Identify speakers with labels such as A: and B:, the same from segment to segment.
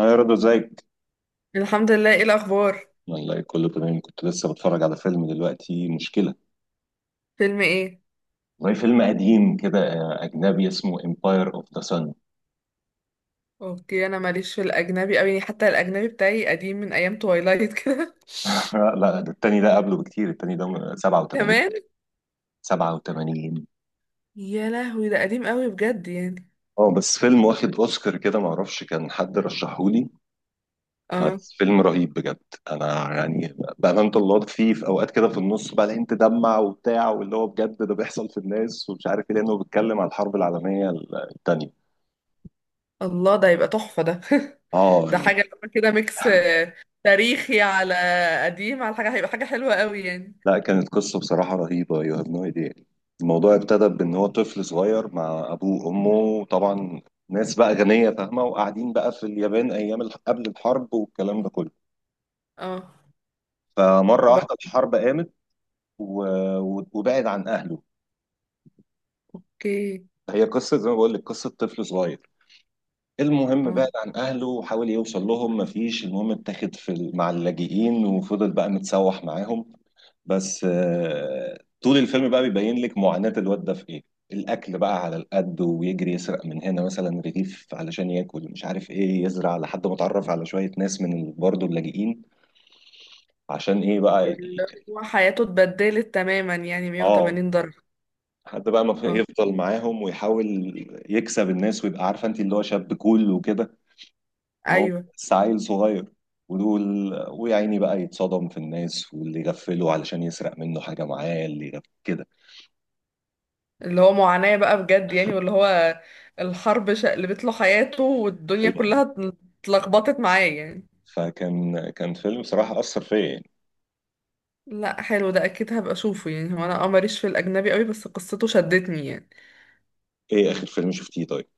A: أنا رضا، ازيك؟
B: الحمد لله، ايه الاخبار؟
A: والله كله تمام، كنت لسه بتفرج على فيلم دلوقتي مشكلة.
B: فيلم ايه؟
A: والله فيلم قديم كده، أجنبي اسمه Empire of the Sun.
B: اوكي، انا ماليش في الاجنبي قوي، يعني حتى الاجنبي بتاعي قديم من ايام توايلايت كده.
A: لا لا، ده التاني، ده قبله بكتير، التاني ده 87،
B: كمان.
A: 87.
B: يا لهوي، ده قديم قوي بجد يعني.
A: اه، بس فيلم واخد أوسكار كده، معرفش كان حد رشحهولي.
B: اه.
A: بس فيلم رهيب بجد. أنا يعني بأمانة الله فيه في أوقات كده في النص بقى انت تدمع وبتاع، واللي هو بجد ده بيحصل في الناس ومش عارف ايه، لأنه بيتكلم على الحرب العالمية التانية.
B: الله، ده يبقى تحفة ده.
A: اه.
B: ده حاجة اللي هو كده ميكس تاريخي على قديم على حاجة، هيبقى حاجة حلوة قوي يعني.
A: لا، كانت قصة بصراحة رهيبة، يو هاف نو ايديا. الموضوع ابتدى بان هو طفل صغير مع ابوه وامه طبعا، ناس بقى غنية فاهمة، وقاعدين بقى في اليابان ايام قبل الحرب والكلام ده كله.
B: اه.
A: فمرة
B: وبقى.
A: واحدة الحرب قامت و... وبعد عن اهله.
B: اوكي.
A: هي قصة زي ما بقول لك، قصة طفل صغير. المهم
B: اه.
A: بعد عن اهله وحاول يوصل لهم مفيش، المهم اتاخد مع اللاجئين وفضل بقى متسوح معاهم. بس طول الفيلم بقى بيبين لك معاناة الواد ده في ايه. الاكل بقى على القد، ويجري يسرق من هنا مثلا رغيف علشان ياكل، مش عارف ايه، يزرع لحد ما اتعرف على شوية ناس برضه اللاجئين. عشان ايه بقى
B: اللي هو حياته اتبدلت تماما، يعني
A: اه.
B: 180 درجة.
A: حد بقى ما في-
B: اه،
A: يفضل معاهم ويحاول يكسب الناس ويبقى، عارفه انت، اللي هو شاب كول وكده. إن هو
B: ايوه.
A: بس عيل صغير. ودول ويا عيني بقى يتصدم في الناس، واللي يغفله علشان يسرق منه حاجه معاه، كده.
B: اللي هو معاناة بقى بجد يعني، واللي هو الحرب شقلبت له حياته، والدنيا كلها اتلخبطت معاه يعني.
A: كان فيلم صراحة أثر فيا يعني.
B: لا حلو، ده اكيد هبقى اشوفه يعني. هو انا ماليش في الاجنبي قوي، بس قصته شدتني يعني.
A: إيه آخر فيلم شفتيه طيب؟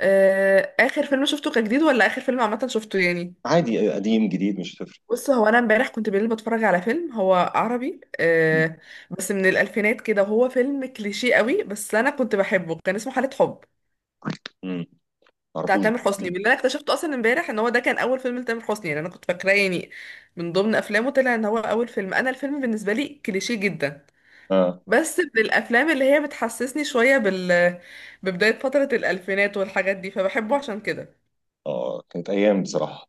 B: اخر فيلم شفته كان جديد، ولا اخر فيلم عامه شفته يعني؟
A: عادي، قديم جديد مش هتفرق.
B: بص، هو انا امبارح كنت بالليل بتفرج على فيلم هو عربي بس من الالفينات كده، وهو فيلم كليشيه قوي، بس انا كنت بحبه، كان اسمه حالة حب.
A: امم.
B: بتاع
A: معرفوش
B: تامر حسني،
A: ده.
B: واللي انا اكتشفته اصلا امبارح ان هو ده كان اول فيلم لتامر حسني يعني. انا كنت فاكراه يعني من ضمن افلامه، طلع ان هو اول فيلم. انا الفيلم بالنسبه لي كليشيه جدا،
A: آه.
B: بس من الافلام اللي هي بتحسسني شويه بال ببدايه فتره الالفينات والحاجات دي، فبحبه عشان كده.
A: آه، كانت أيام بصراحة.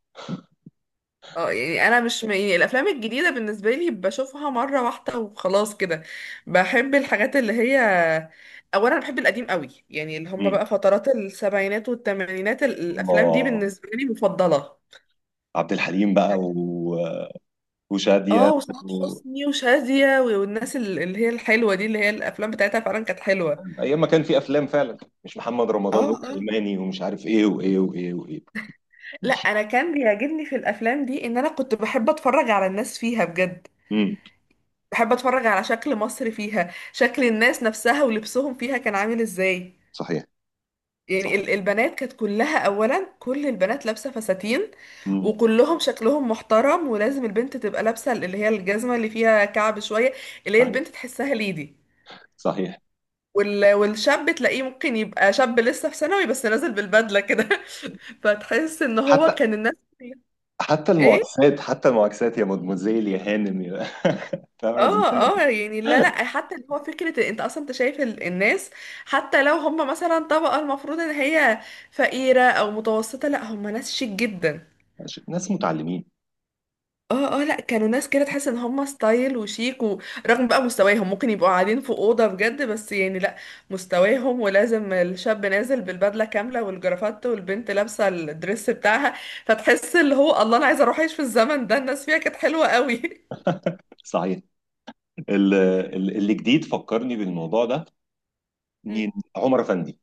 B: اه يعني انا مش م... يعني الافلام الجديده بالنسبه لي بشوفها مره واحده وخلاص كده. بحب الحاجات اللي هي اولا بحب القديم قوي، يعني اللي هم
A: امم.
B: بقى فترات السبعينات والثمانينات، الافلام دي
A: الله.
B: بالنسبه لي مفضله.
A: عبد الحليم بقى وشادية.
B: اه، وسعاد
A: و...
B: حسني وشادية والناس اللي هي الحلوة دي، اللي هي الأفلام بتاعتها فعلا كانت حلوة.
A: أيام ما كان في أفلام فعلا، مش محمد رمضان
B: اه اه،
A: والألماني ومش عارف إيه وإيه وإيه وإيه.
B: لا أنا كان بيعجبني في الأفلام دي إن أنا كنت بحب أتفرج على الناس فيها بجد.
A: امم.
B: بحب أتفرج على شكل مصر فيها، شكل الناس نفسها ولبسهم فيها كان عامل إزاي.
A: صحيح.
B: يعني
A: صحيح.
B: البنات كانت كلها، أولا كل البنات لابسة فساتين،
A: امم.
B: وكلهم شكلهم محترم، ولازم البنت تبقى لابسة اللي هي الجزمة اللي فيها كعب شوية، اللي هي
A: صحيح.
B: البنت تحسها ليدي.
A: صحيح.
B: والشاب تلاقيه ممكن يبقى شاب لسه في ثانوي، بس نازل بالبدلة كده. فتحس ان هو
A: حتى
B: كان الناس.
A: حتى
B: ايه.
A: المعاكسات، حتى المعاكسات، يا مدموزيل، يا هانم، يا... فاهم.
B: اه اه يعني، لا لا حتى اللي هو فكرة إن انت اصلا انت شايف الناس، حتى لو هم مثلا طبقة المفروض ان هي فقيرة او متوسطة، لا هم ناس شيك جدا.
A: ناس متعلمين.
B: اه اه، لا كانوا ناس كده تحس ان هم ستايل وشيك، ورغم بقى مستواهم ممكن يبقوا قاعدين في اوضه بجد، بس يعني لا. مستواهم، ولازم الشاب نازل بالبدله كامله والجرافات، والبنت لابسه الدريس بتاعها. فتحس اللي هو الله، انا عايزه اروح اعيش في الزمن ده، الناس فيها كانت حلوه قوي.
A: صحيح. اللي جديد فكرني بالموضوع ده، مين؟
B: أمم.
A: عمر افندي.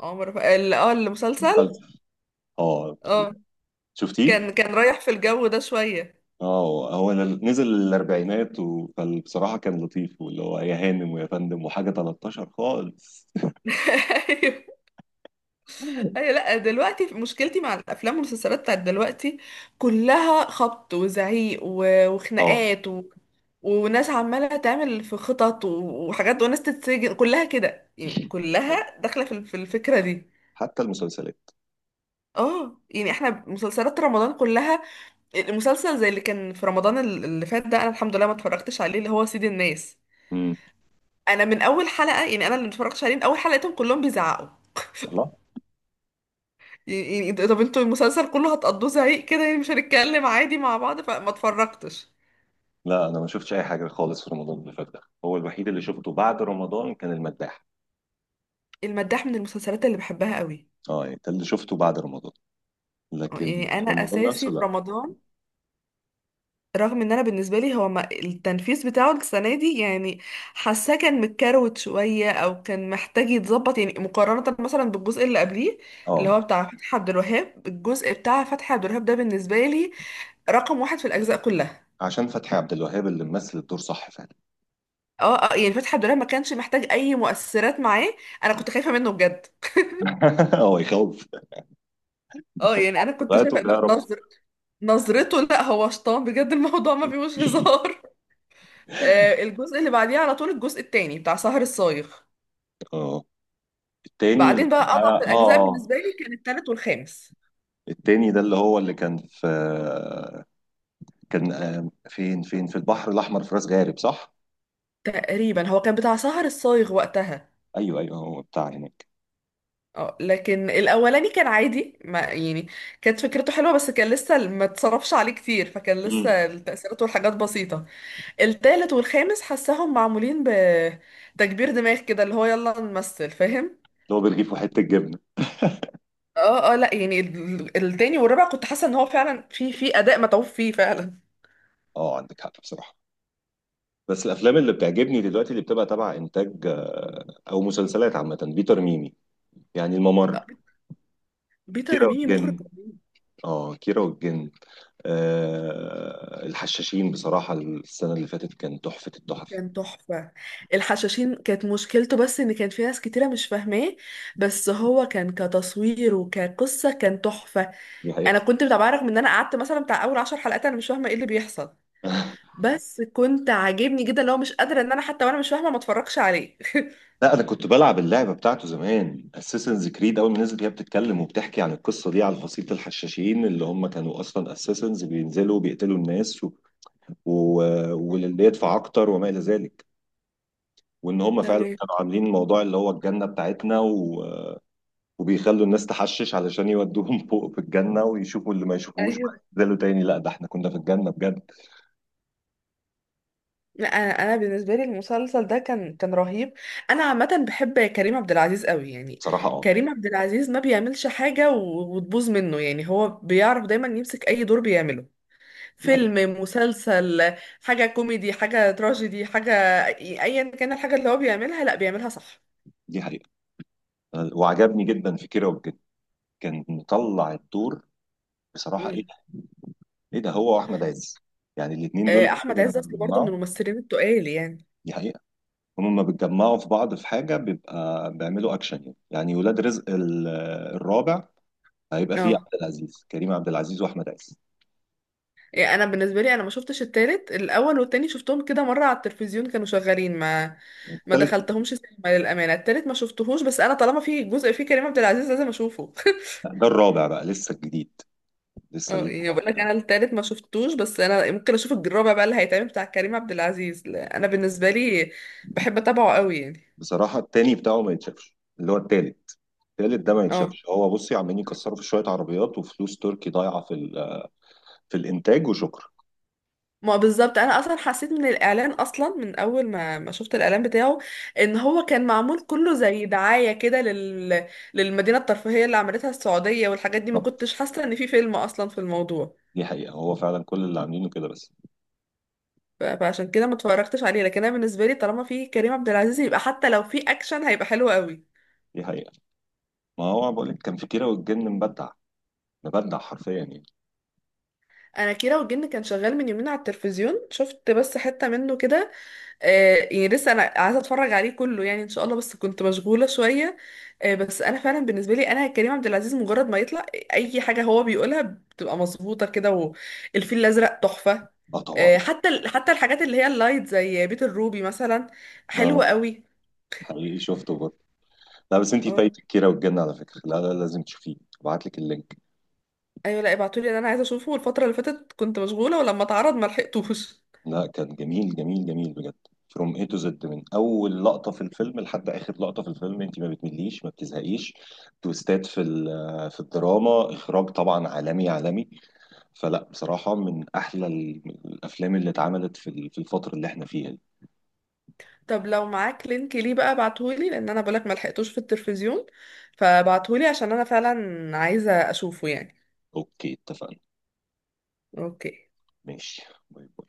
B: المسلسل.
A: فلسفة. اه.
B: اه.
A: شفتيه؟
B: كان رايح في الجو ده شويه.
A: اه، هو نزل الاربعينات فبصراحه كان لطيف، واللي هو يا هانم ويا فندم وحاجه 13 خالص.
B: ايوه، أيوة، لا دلوقتي مشكلتي مع الافلام والمسلسلات بتاعت دلوقتي كلها خبط وزعيق
A: اه،
B: وخناقات، وناس عمالة تعمل في خطط وحاجات، وناس تتسجن، كلها كده يعني، كلها داخلة في الفكرة دي.
A: حتى المسلسلات.
B: اه يعني احنا مسلسلات رمضان كلها. المسلسل زي اللي كان في رمضان اللي فات ده، انا الحمد لله ما اتفرجتش عليه، اللي هو سيد الناس.
A: امم.
B: انا من اول حلقة يعني، انا اللي ما اتفرجتش عليه من اول حلقة، لقيتهم كلهم بيزعقوا.
A: الله.
B: يعني طب انتوا المسلسل كله هتقضوه زعيق كده يعني؟ مش هنتكلم عادي مع بعض؟ فما اتفرجتش.
A: لا، انا ما شفتش اي حاجه خالص في رمضان اللي فات، ده هو الوحيد اللي شفته بعد رمضان، كان المداح.
B: المداح من المسلسلات اللي بحبها قوي.
A: اه، يعني ده اللي شفته بعد رمضان، لكن
B: يعني انا
A: رمضان
B: اساسي
A: نفسه
B: في
A: لا.
B: رمضان، رغم ان انا بالنسبه لي هو ما التنفيذ بتاعه السنه دي يعني، حاساه كان متكروت شويه، او كان محتاج يتظبط، يعني مقارنه مثلا بالجزء اللي قبليه اللي هو
A: اه،
B: بتاع فتحي عبد الوهاب. الجزء بتاع فتحي عبد الوهاب ده بالنسبه لي رقم واحد في الاجزاء كلها.
A: عشان فتحي عبد الوهاب اللي ممثل الدور، صح فعلا.
B: اه اه يعني فتحي عبد الوهاب ما كانش محتاج اي مؤثرات معاه. انا كنت خايفه منه بجد.
A: هو يخوف.
B: اه يعني انا كنت
A: غايته
B: شايفه إن
A: بيعرف.
B: نظرته، لا هو شطان بجد، الموضوع ما فيهوش هزار. الجزء اللي بعديه على طول الجزء التاني بتاع سهر الصايغ.
A: اه. التاني اللي
B: بعدين بقى اضعف
A: اه
B: الاجزاء
A: اه.
B: بالنسبه لي كان التالت والخامس.
A: التاني ده اللي هو اللي كان في. كان فين في البحر الاحمر في راس غارب صح؟
B: تقريبا هو كان بتاع سهر الصايغ وقتها.
A: ايوه ايوه، هو بتاع هناك.
B: اه، لكن الاولاني كان عادي ما يعني، كانت فكرته حلوه، بس كان لسه ما اتصرفش عليه كتير، فكان
A: مم.
B: لسه التاثيرات والحاجات بسيطه. التالت والخامس حساهم معمولين بتكبير دماغ كده، اللي هو يلا نمثل فاهم.
A: اللي هو برغيف وحته جبنه.
B: اه اه لا يعني التاني والرابع كنت حاسه ان هو فعلا في اداء متعوب فيه فعلا.
A: اه، عندك حق بصراحه. بس الافلام اللي بتعجبني دلوقتي، اللي بتبقى تبع انتاج او مسلسلات عامه، بيتر ميمي. يعني
B: آه،
A: الممر،
B: بيتر
A: كيرة
B: ميمي مخرج.
A: والجن. اه، كيرة والجن. الحشاشين بصراحة السنة اللي فاتت كان تحفة التحف.
B: كان تحفة. الحشاشين كانت مشكلته بس ان كان في ناس كتيرة مش فاهماه، بس هو كان كتصوير وكقصة كان تحفة.
A: دي
B: انا
A: حقيقة.
B: كنت متابعة، رغم ان انا قعدت مثلا بتاع اول عشر حلقات انا مش فاهمة ايه اللي بيحصل، بس كنت عاجبني جدا. لو مش قادرة ان انا حتى وانا مش فاهمة ما اتفرجش عليه.
A: لا، انا كنت بلعب اللعبة بتاعته زمان، اساسنز كريد، اول ما نزلت هي بتتكلم وبتحكي عن القصة دي، عن فصيلة الحشاشين اللي هم كانوا اصلا اساسنز، بينزلوا بيقتلوا الناس و... واللي يدفع اكتر، وما الى ذلك. وان هم فعلا
B: تمام.
A: كانوا عاملين موضوع اللي هو الجنة بتاعتنا، وبيخلوا الناس تحشش علشان يودوهم فوق في الجنة، ويشوفوا اللي ما يشوفوش،
B: ايوه.
A: وبعدين ينزلوا تاني، لا ده احنا كنا في الجنة بجد.
B: لا، انا بالنسبه لي المسلسل ده كان رهيب. انا عامه بحب كريم عبد العزيز قوي يعني.
A: صراحة اه.
B: كريم عبد العزيز ما بيعملش حاجه وتبوظ منه يعني، هو بيعرف دايما يمسك اي دور بيعمله.
A: دي حقيقة.
B: فيلم، مسلسل، حاجة كوميدي، حاجة تراجيدي، حاجة أيا كان، الحاجة اللي هو بيعملها لأ بيعملها صح.
A: دي حقيقة. وعجبني جدا في كيرة والجن، كان مطلع الدور. بصراحة، ايه
B: مم.
A: ده؟ ايه ده، هو واحمد عز. يعني الاتنين دول
B: أحمد
A: فعلا
B: عز
A: لما
B: أصل برضه
A: بيتجمعوا.
B: من الممثلين التقال يعني.
A: دي حقيقة. هما لما بيتجمعوا في بعض في حاجة بيبقى بيعملوا اكشن، يعني ولاد رزق الرابع. هيبقى فيه
B: اه
A: عبد العزيز كريم عبد العزيز واحمد عز.
B: يعني أنا بالنسبة لي أنا ما شفتش التالت. الأول والتاني شفتهم كده مرة على التلفزيون كانوا شغالين، ما
A: التالت.
B: دخلتهمش سينما للأمانة. التالت ما شفتهوش، بس أنا طالما في جزء فيه كريم عبد العزيز لازم أشوفه.
A: ده الرابع بقى، لسه الجديد. لسه
B: اه
A: ال-
B: يعني بقول لك انا التالت ما شفتوش، بس انا ممكن اشوف الرابع بقى اللي هيتعمل بتاع كريم عبد العزيز. لا، انا بالنسبه لي بحب اتابعه قوي يعني.
A: بصراحة التاني بتاعه ما يتشافش اللي هو التالت. التالت ده ما
B: اه،
A: يتشافش، هو بصي عمالين يكسروا في شوية عربيات وفلوس تركي ضايعة في الانتاج وشكر.
B: ما بالظبط، انا اصلا حسيت من الاعلان اصلا، من اول ما شفت الاعلان بتاعه ان هو كان معمول كله زي دعايه كده للمدينه الترفيهيه اللي عملتها السعوديه والحاجات دي. ما
A: بالظبط.
B: كنتش حاسه ان في فيلم اصلا في الموضوع.
A: دي حقيقه، هو فعلا كل اللي عاملينه كده بس.
B: فعشان كده ما اتفرجتش عليه، لكن انا بالنسبه لي طالما في كريم عبد العزيز يبقى حتى لو في اكشن هيبقى حلو قوي.
A: دي حقيقه، ما هو بقول لك، كان في كيرة والجن مبدع، مبدع حرفيا يعني.
B: انا كيرة والجن كان شغال من يومين على التلفزيون، شفت بس حته منه كده. يعني لسه انا عايزه اتفرج عليه كله يعني ان شاء الله، بس كنت مشغوله شويه. بس انا فعلا بالنسبه لي انا كريم عبد العزيز مجرد ما يطلع اي حاجه هو بيقولها بتبقى مظبوطه كده. والفيل الازرق تحفه.
A: اه، طبعا.
B: حتى الحاجات اللي هي اللايت زي بيت الروبي مثلا حلوه
A: اه،
B: قوي.
A: حقيقي شفته برضه. لا، بس انت
B: اه.
A: فايتك كيرة والجن على فكره، لا لا، لازم تشوفيه، ابعت لك اللينك.
B: ايوه. لا ابعتولي ده، انا عايزه اشوفه، الفتره اللي فاتت كنت مشغوله، ولما اتعرض ما لحقتوش.
A: لا، كان جميل جميل جميل بجد، فروم اي تو زد، من اول لقطه في الفيلم لحد اخر لقطه في الفيلم انت ما بتمليش ما بتزهقيش. تويستات في الدراما، اخراج طبعا عالمي عالمي. فلا بصراحة، من أحلى الأفلام اللي اتعملت في الفترة اللي احنا فيها دي.
B: طب لو معاك لينك ليه بقى ابعتهولي، لان انا بقولك ما لحقتوش في التلفزيون، فابعتهولي عشان انا فعلا عايزه اشوفه يعني.
A: أوكي، اتفقنا.
B: اوكي.
A: ماشي. باي باي.